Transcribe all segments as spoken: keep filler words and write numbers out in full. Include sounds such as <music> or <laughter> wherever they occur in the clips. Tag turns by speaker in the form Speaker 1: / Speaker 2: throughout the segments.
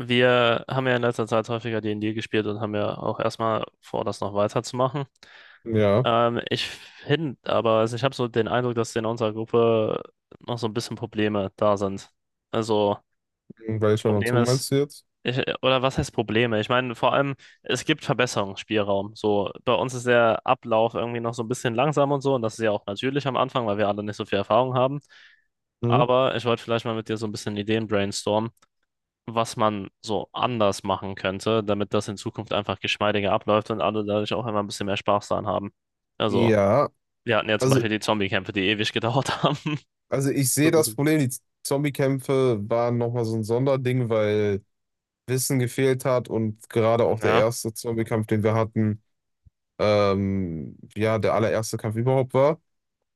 Speaker 1: Wir haben ja in letzter Zeit häufiger D und D gespielt und haben ja auch erstmal vor, das noch weiterzumachen.
Speaker 2: Ja,
Speaker 1: Ähm, ich finde aber, also ich habe so den Eindruck, dass in unserer Gruppe noch so ein bisschen Probleme da sind. Also,
Speaker 2: weil ich schon
Speaker 1: Problem
Speaker 2: dazu
Speaker 1: ist,
Speaker 2: meinst du jetzt?
Speaker 1: ich, oder was heißt Probleme? Ich meine, vor allem, es gibt Verbesserungsspielraum. So, bei uns ist der Ablauf irgendwie noch so ein bisschen langsam und so, und das ist ja auch natürlich am Anfang, weil wir alle nicht so viel Erfahrung haben.
Speaker 2: Mhm.
Speaker 1: Aber ich wollte vielleicht mal mit dir so ein bisschen Ideen brainstormen, was man so anders machen könnte, damit das in Zukunft einfach geschmeidiger abläuft und alle dadurch auch immer ein bisschen mehr Spaß daran haben. Also,
Speaker 2: Ja,
Speaker 1: wir hatten ja zum
Speaker 2: also,
Speaker 1: Beispiel die Zombie-Kämpfe, die ewig gedauert haben.
Speaker 2: also ich
Speaker 1: <laughs> So
Speaker 2: sehe
Speaker 1: ein
Speaker 2: das
Speaker 1: bisschen.
Speaker 2: Problem, die Zombie-Kämpfe waren nochmal so ein Sonderding, weil Wissen gefehlt hat und gerade auch der
Speaker 1: Ja,
Speaker 2: erste Zombie-Kampf, den wir hatten, ähm, ja, der allererste Kampf überhaupt war.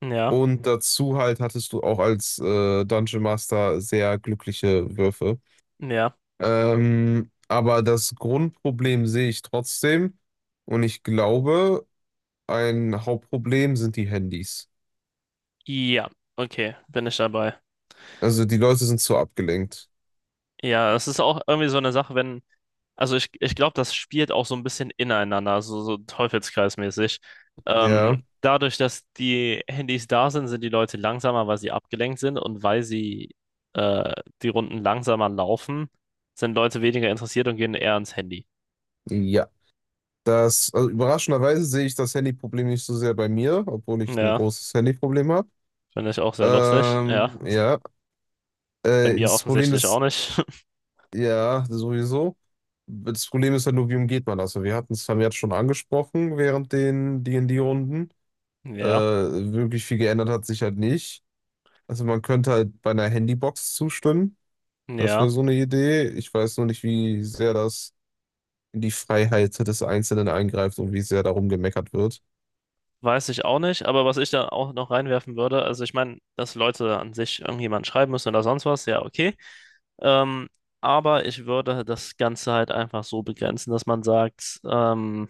Speaker 1: ja,
Speaker 2: Und dazu halt hattest du auch als äh, Dungeon Master sehr glückliche Würfe.
Speaker 1: ja.
Speaker 2: Ähm, aber das Grundproblem sehe ich trotzdem, und ich glaube, ein Hauptproblem sind die Handys.
Speaker 1: Ja, okay, bin ich dabei.
Speaker 2: Also die Leute sind zu abgelenkt.
Speaker 1: Ja, es ist auch irgendwie so eine Sache, wenn. Also ich, ich glaube, das spielt auch so ein bisschen ineinander, so, so teufelskreismäßig. Ähm,
Speaker 2: Ja.
Speaker 1: dadurch, dass die Handys da sind, sind die Leute langsamer, weil sie abgelenkt sind und weil sie äh, die Runden langsamer laufen, sind Leute weniger interessiert und gehen eher ans Handy.
Speaker 2: Ja. Das, also überraschenderweise sehe ich das Handyproblem nicht so sehr bei mir, obwohl ich ein
Speaker 1: Ja,
Speaker 2: großes Handyproblem habe.
Speaker 1: finde ich auch sehr lustig. Ja,
Speaker 2: Ähm, ja.
Speaker 1: bei
Speaker 2: Äh,
Speaker 1: mir
Speaker 2: das Problem
Speaker 1: offensichtlich auch
Speaker 2: ist,
Speaker 1: nicht. <laughs>
Speaker 2: ja, sowieso. Das Problem ist halt nur, wie umgeht man das? Also, wir hatten es vermehrt schon angesprochen während den D und D-Runden. Äh,
Speaker 1: Ja,
Speaker 2: wirklich viel geändert hat sich halt nicht. Also man könnte halt bei einer Handybox zustimmen. Das wäre
Speaker 1: ja,
Speaker 2: so eine Idee. Ich weiß nur nicht, wie sehr das in die Freiheit des Einzelnen eingreift und wie sehr darum gemeckert wird.
Speaker 1: weiß ich auch nicht. Aber was ich da auch noch reinwerfen würde, also ich meine, dass Leute an sich irgendjemand schreiben müssen oder sonst was, ja, okay. Ähm, aber ich würde das Ganze halt einfach so begrenzen, dass man sagt, ähm,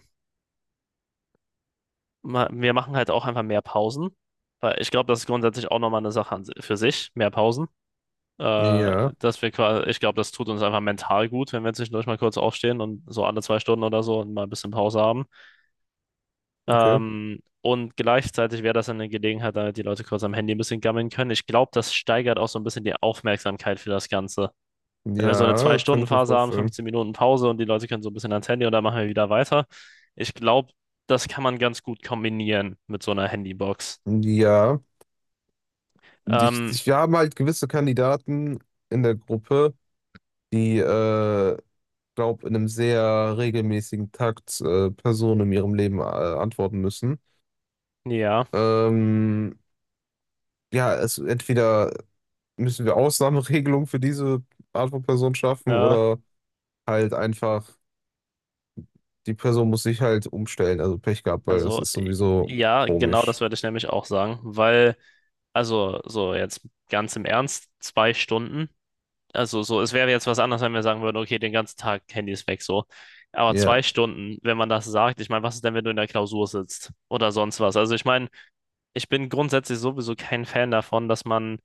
Speaker 1: ma- wir machen halt auch einfach mehr Pausen. Weil ich glaube, das ist grundsätzlich auch nochmal eine Sache an, si, für sich, mehr Pausen. Äh,
Speaker 2: Ja,
Speaker 1: dass wir quasi, Ich glaube, das tut uns einfach mental gut, wenn wir zwischendurch mal kurz aufstehen und so alle zwei Stunden oder so und mal ein bisschen Pause haben.
Speaker 2: okay.
Speaker 1: Ähm, und gleichzeitig wäre das dann eine Gelegenheit, damit die Leute kurz am Handy ein bisschen gammeln können. Ich glaube, das steigert auch so ein bisschen die Aufmerksamkeit für das Ganze. Wenn wir so eine
Speaker 2: Ja, kann ich mir
Speaker 1: Zwei-Stunden-Phase haben,
Speaker 2: vorstellen.
Speaker 1: fünfzehn Minuten Pause, und die Leute können so ein bisschen ans Handy und dann machen wir wieder weiter. Ich glaube, das kann man ganz gut kombinieren mit so einer Handybox.
Speaker 2: Ja, ich,
Speaker 1: Ähm,
Speaker 2: ich, wir haben halt gewisse Kandidaten in der Gruppe, die, äh, glaube in einem sehr regelmäßigen Takt äh, Personen in ihrem Leben äh, antworten müssen.
Speaker 1: ja,
Speaker 2: Ähm, ja, es, entweder müssen wir Ausnahmeregelungen für diese Art von Person schaffen
Speaker 1: äh,
Speaker 2: oder halt einfach die Person muss sich halt umstellen, also Pech gehabt, weil das
Speaker 1: also
Speaker 2: ist
Speaker 1: äh,
Speaker 2: sowieso
Speaker 1: ja, genau
Speaker 2: komisch.
Speaker 1: das werde ich nämlich auch sagen, weil, also so jetzt ganz im Ernst, zwei Stunden, also so, es wäre jetzt was anderes, wenn wir sagen würden, okay, den ganzen Tag Handys weg, so. Aber
Speaker 2: Ja,
Speaker 1: zwei Stunden, wenn man das sagt, ich meine, was ist denn, wenn du in der Klausur sitzt oder sonst was? Also ich meine, ich bin grundsätzlich sowieso kein Fan davon, dass man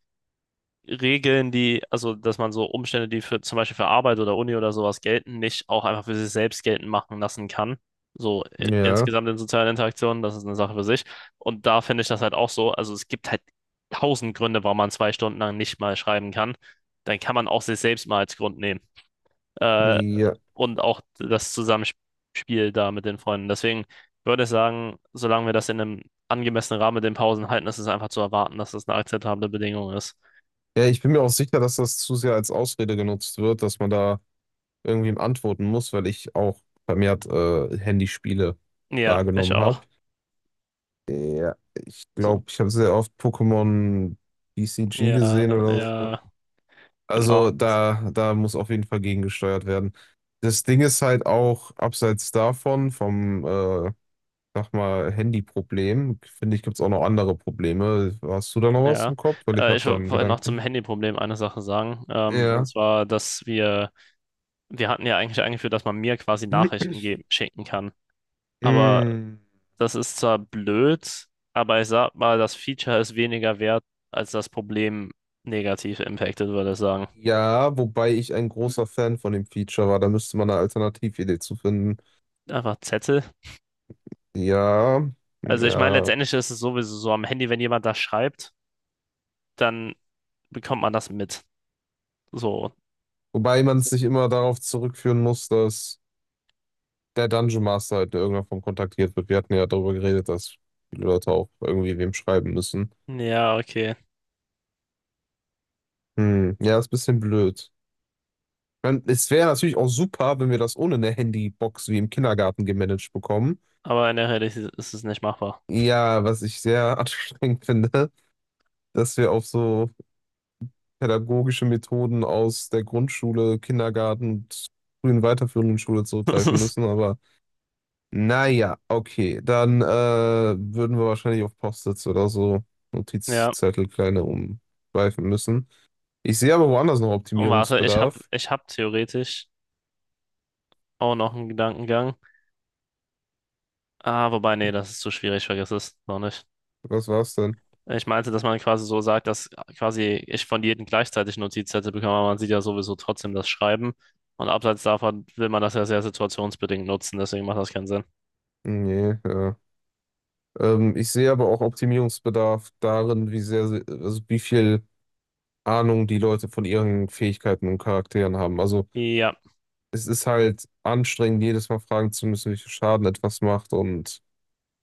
Speaker 1: Regeln, die, also dass man so Umstände, die für zum Beispiel für Arbeit oder Uni oder sowas gelten, nicht auch einfach für sich selbst geltend machen lassen kann. So äh,
Speaker 2: ja,
Speaker 1: insgesamt in sozialen Interaktionen, das ist eine Sache für sich. Und da finde ich das halt auch so. Also es gibt halt tausend Gründe, warum man zwei Stunden lang nicht mal schreiben kann. Dann kann man auch sich selbst mal als Grund nehmen. Äh,
Speaker 2: ja.
Speaker 1: und auch das Zusammenspiel da mit den Freunden. Deswegen würde ich sagen, solange wir das in einem angemessenen Rahmen mit den Pausen halten, ist es einfach zu erwarten, dass das eine akzeptable Bedingung ist.
Speaker 2: Ja, ich bin mir auch sicher, dass das zu sehr als Ausrede genutzt wird, dass man da irgendwem antworten muss, weil ich auch vermehrt äh, Handyspiele
Speaker 1: Ja, ich
Speaker 2: wahrgenommen habe.
Speaker 1: auch.
Speaker 2: Ja, ich
Speaker 1: So,
Speaker 2: glaube, ich habe sehr oft Pokémon B C G
Speaker 1: ja,
Speaker 2: gesehen oder so.
Speaker 1: ja, genau.
Speaker 2: Also da, da muss auf jeden Fall gegengesteuert werden. Das Ding ist halt auch, abseits davon, vom äh, sag mal, Handyproblem. Finde ich, gibt es auch noch andere Probleme. Hast du da noch was im
Speaker 1: Ja,
Speaker 2: Kopf? Weil ich
Speaker 1: äh,
Speaker 2: habe
Speaker 1: ich
Speaker 2: da
Speaker 1: wo-
Speaker 2: einen
Speaker 1: wollte noch zum
Speaker 2: Gedanken.
Speaker 1: Handyproblem eine Sache sagen. Ähm, und
Speaker 2: Ja.
Speaker 1: zwar, dass wir, wir hatten ja eigentlich eingeführt, dass man mir quasi Nachrichten
Speaker 2: <clears throat>
Speaker 1: geben, schicken kann. Aber
Speaker 2: Mm,
Speaker 1: das ist zwar blöd, aber ich sag mal, das Feature ist weniger wert, als das Problem negativ impactet, würde ich sagen.
Speaker 2: ja, wobei ich ein großer Fan von dem Feature war. Da müsste man eine Alternatividee zu finden.
Speaker 1: Einfach Zettel.
Speaker 2: Ja,
Speaker 1: Also ich meine,
Speaker 2: ja.
Speaker 1: letztendlich ist es sowieso so am Handy, wenn jemand das schreibt, dann bekommt man das mit. So.
Speaker 2: Wobei man es nicht immer darauf zurückführen muss, dass der Dungeon Master halt in irgendeiner Form kontaktiert wird. Wir hatten ja darüber geredet, dass viele Leute auch irgendwie wem schreiben müssen.
Speaker 1: Ja, okay.
Speaker 2: Hm, ja, ist ein bisschen blöd. Man, es wäre natürlich auch super, wenn wir das ohne eine Handybox wie im Kindergarten gemanagt bekommen.
Speaker 1: Aber in der Realität ist es nicht machbar.
Speaker 2: Ja, was ich sehr <laughs> anstrengend finde, dass wir auf so pädagogische Methoden aus der Grundschule, Kindergarten und frühen weiterführenden Schule zurückgreifen müssen.
Speaker 1: <laughs>
Speaker 2: Aber naja, okay, dann äh, würden wir wahrscheinlich auf Post-its oder so
Speaker 1: Ja.
Speaker 2: Notizzettel kleine umschweifen müssen. Ich sehe aber woanders noch
Speaker 1: Und warte, ich hab,
Speaker 2: Optimierungsbedarf.
Speaker 1: ich hab theoretisch auch noch einen Gedankengang. Ah, wobei, nee, das ist zu schwierig, vergiss es noch nicht.
Speaker 2: Was war's denn?
Speaker 1: Äh, Ich meinte, dass man quasi so sagt, dass quasi ich von jedem gleichzeitig Notizzettel bekomme, aber man sieht ja sowieso trotzdem das Schreiben. Und abseits davon will man das ja sehr situationsbedingt nutzen, deswegen macht das keinen Sinn.
Speaker 2: Nee, ja. Ähm, ich sehe aber auch Optimierungsbedarf darin, wie sehr, sie- also wie viel Ahnung die Leute von ihren Fähigkeiten und Charakteren haben. Also
Speaker 1: Ja,
Speaker 2: es ist halt anstrengend, jedes Mal fragen zu müssen, welchen Schaden etwas macht und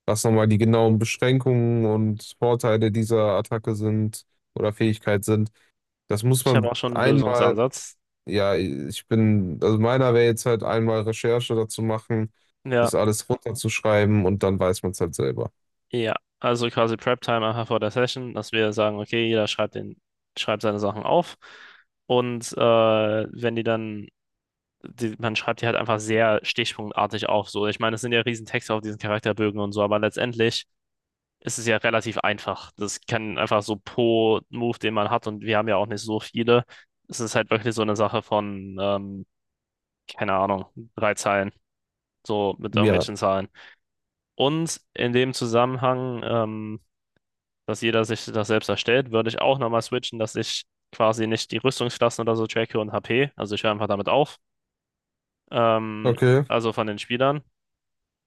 Speaker 2: was nochmal die genauen Beschränkungen und Vorteile dieser Attacke sind oder Fähigkeit sind. Das muss
Speaker 1: ich habe
Speaker 2: man
Speaker 1: auch schon einen
Speaker 2: einmal,
Speaker 1: Lösungsansatz.
Speaker 2: ja, ich bin, also meiner wäre jetzt halt einmal Recherche dazu machen,
Speaker 1: Ja,
Speaker 2: das alles runterzuschreiben und dann weiß man es halt selber.
Speaker 1: ja. Also quasi Prep-Time einfach vor der Session, dass wir sagen, okay, jeder schreibt den, schreibt seine Sachen auf. Und äh, wenn die dann, die, man schreibt die halt einfach sehr stichpunktartig auf. So, ich meine, es sind ja riesen Texte auf diesen Charakterbögen und so, aber letztendlich ist es ja relativ einfach. Das kann einfach so pro Move, den man hat, und wir haben ja auch nicht so viele. Es ist halt wirklich so eine Sache von, ähm, keine Ahnung, drei Zeilen, so mit
Speaker 2: Ja,
Speaker 1: irgendwelchen Zahlen. Und in dem Zusammenhang, ähm, dass jeder sich das selbst erstellt, würde ich auch nochmal switchen, dass ich quasi nicht die Rüstungsklassen oder so tracke und H P. Also ich höre einfach damit auf. Ähm,
Speaker 2: okay,
Speaker 1: also von den Spielern,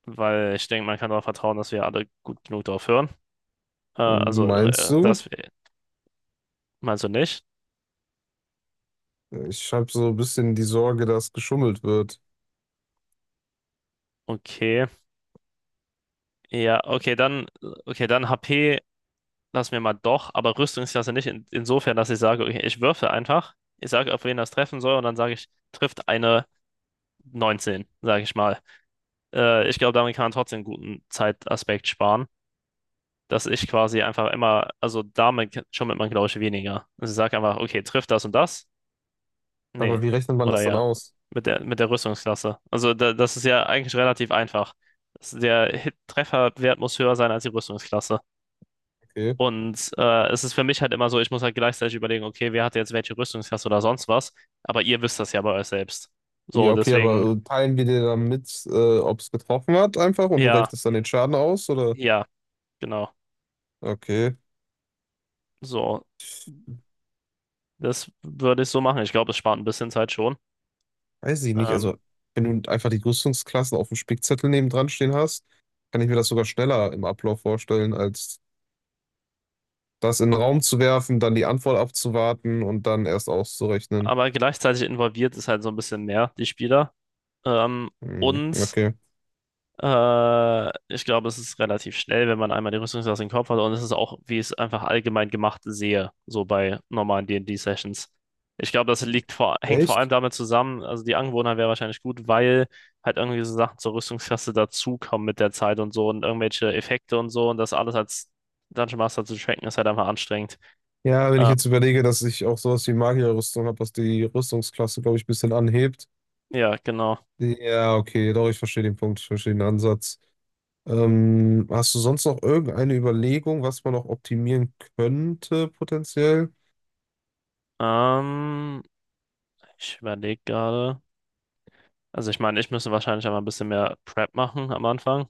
Speaker 1: weil ich denke, man kann darauf vertrauen, dass wir alle gut genug drauf hören. Äh, also,
Speaker 2: meinst
Speaker 1: äh,
Speaker 2: du?
Speaker 1: das äh, meinst du nicht?
Speaker 2: Ich habe so ein bisschen die Sorge, dass geschummelt wird.
Speaker 1: Okay. Ja, okay, dann, okay, dann H P lassen wir mal doch, aber Rüstungsklasse nicht. In, insofern, dass ich sage, okay, ich würfe einfach. Ich sage, auf wen das treffen soll, und dann sage ich, trifft eine neunzehn, sage ich mal. Äh, ich glaube, damit kann man trotzdem einen guten Zeitaspekt sparen, dass ich quasi einfach immer, also damit schummelt man, glaube ich, weniger. Also ich sage einfach, okay, trifft das und das? Nee.
Speaker 2: Aber wie rechnet man
Speaker 1: Oder
Speaker 2: das dann
Speaker 1: ja.
Speaker 2: aus?
Speaker 1: Mit der, mit der Rüstungsklasse. Also da, das ist ja eigentlich relativ einfach. Das- Der Hit Trefferwert muss höher sein als die Rüstungsklasse.
Speaker 2: Okay.
Speaker 1: Und äh, es ist für mich halt immer so, ich muss halt gleichzeitig überlegen, okay, wer hat jetzt welche Rüstungsklasse oder sonst was. Aber ihr wisst das ja bei euch selbst. So,
Speaker 2: Ja, okay,
Speaker 1: deswegen,
Speaker 2: aber äh, teilen wir dir dann mit, äh, ob es getroffen hat einfach und du
Speaker 1: ja,
Speaker 2: rechnest dann den Schaden aus oder?
Speaker 1: ja, genau.
Speaker 2: Okay,
Speaker 1: So, das würde ich so machen. Ich glaube, es spart ein bisschen Zeit schon.
Speaker 2: weiß ich nicht.
Speaker 1: Ähm,
Speaker 2: Also, wenn du einfach die Rüstungsklassen auf dem Spickzettel nebendran stehen hast, kann ich mir das sogar schneller im Ablauf vorstellen, als das in den Raum zu werfen, dann die Antwort abzuwarten und dann erst auszurechnen.
Speaker 1: aber gleichzeitig involviert ist halt so ein bisschen mehr die Spieler. Ähm,
Speaker 2: Hm,
Speaker 1: und
Speaker 2: okay.
Speaker 1: Äh, ich glaube, es ist relativ schnell, wenn man einmal die Rüstungsklasse im Kopf hat. Und es ist auch, wie ich es einfach allgemein gemacht sehe, so bei normalen D und D-Sessions. Ich glaube, das liegt vor, hängt vor allem
Speaker 2: Echt?
Speaker 1: damit zusammen, also die Angewohnheit wäre wahrscheinlich gut, weil halt irgendwie so Sachen zur Rüstungsklasse dazukommen mit der Zeit und so und irgendwelche Effekte und so und das alles als Dungeon Master zu tracken, ist halt einfach anstrengend.
Speaker 2: Ja, wenn ich
Speaker 1: Ähm,
Speaker 2: jetzt überlege, dass ich auch sowas wie Magierrüstung habe, was die Rüstungsklasse, glaube ich, ein bisschen anhebt.
Speaker 1: ja, genau.
Speaker 2: Ja, okay, doch, ich verstehe den Punkt, ich verstehe den Ansatz. Ähm, hast du sonst noch irgendeine Überlegung, was man noch optimieren könnte, potenziell?
Speaker 1: Ähm, Ich überlege gerade. Also ich meine, ich müsste wahrscheinlich einfach ein bisschen mehr Prep machen am Anfang.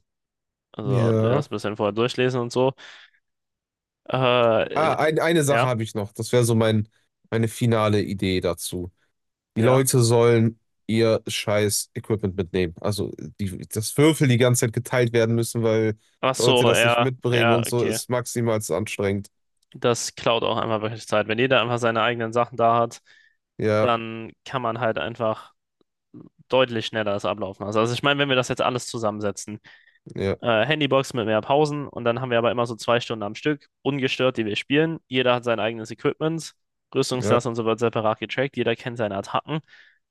Speaker 1: Also ja, das
Speaker 2: Ja.
Speaker 1: ein bisschen vorher durchlesen und so. Äh, äh,
Speaker 2: Ah, ein, eine Sache
Speaker 1: ja,
Speaker 2: habe ich noch. Das wäre so mein, meine finale Idee dazu. Die
Speaker 1: ja.
Speaker 2: Leute sollen ihr scheiß Equipment mitnehmen. Also die, das Würfel die ganze Zeit geteilt werden müssen, weil
Speaker 1: Ach
Speaker 2: Leute
Speaker 1: so,
Speaker 2: das nicht
Speaker 1: ja,
Speaker 2: mitbringen
Speaker 1: ja,
Speaker 2: und so
Speaker 1: okay.
Speaker 2: ist maximal anstrengend.
Speaker 1: Das klaut auch einmal wirklich Zeit. Wenn jeder einfach seine eigenen Sachen da hat,
Speaker 2: Ja.
Speaker 1: dann kann man halt einfach deutlich schneller das ablaufen lassen. Also ich meine, wenn wir das jetzt alles zusammensetzen,
Speaker 2: Ja,
Speaker 1: äh, Handybox mit mehr Pausen und dann haben wir aber immer so zwei Stunden am Stück, ungestört, die wir spielen. Jeder hat sein eigenes Equipment,
Speaker 2: ja,
Speaker 1: Rüstungsklasse und so wird separat getrackt, jeder kennt seine Attacken.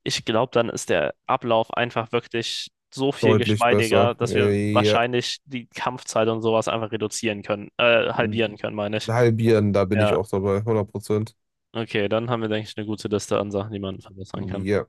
Speaker 1: Ich glaube, dann ist der Ablauf einfach wirklich so viel
Speaker 2: deutlich
Speaker 1: geschmeidiger,
Speaker 2: besser.
Speaker 1: dass wir
Speaker 2: Äh, ja,
Speaker 1: wahrscheinlich die Kampfzeit und sowas einfach reduzieren können, äh, halbieren können, meine ich.
Speaker 2: halbieren, da bin ich
Speaker 1: Ja,
Speaker 2: auch dabei, hundert Prozent.
Speaker 1: okay, dann haben wir, denke ich, eine gute Liste an Sachen, die man verbessern kann.
Speaker 2: Ja.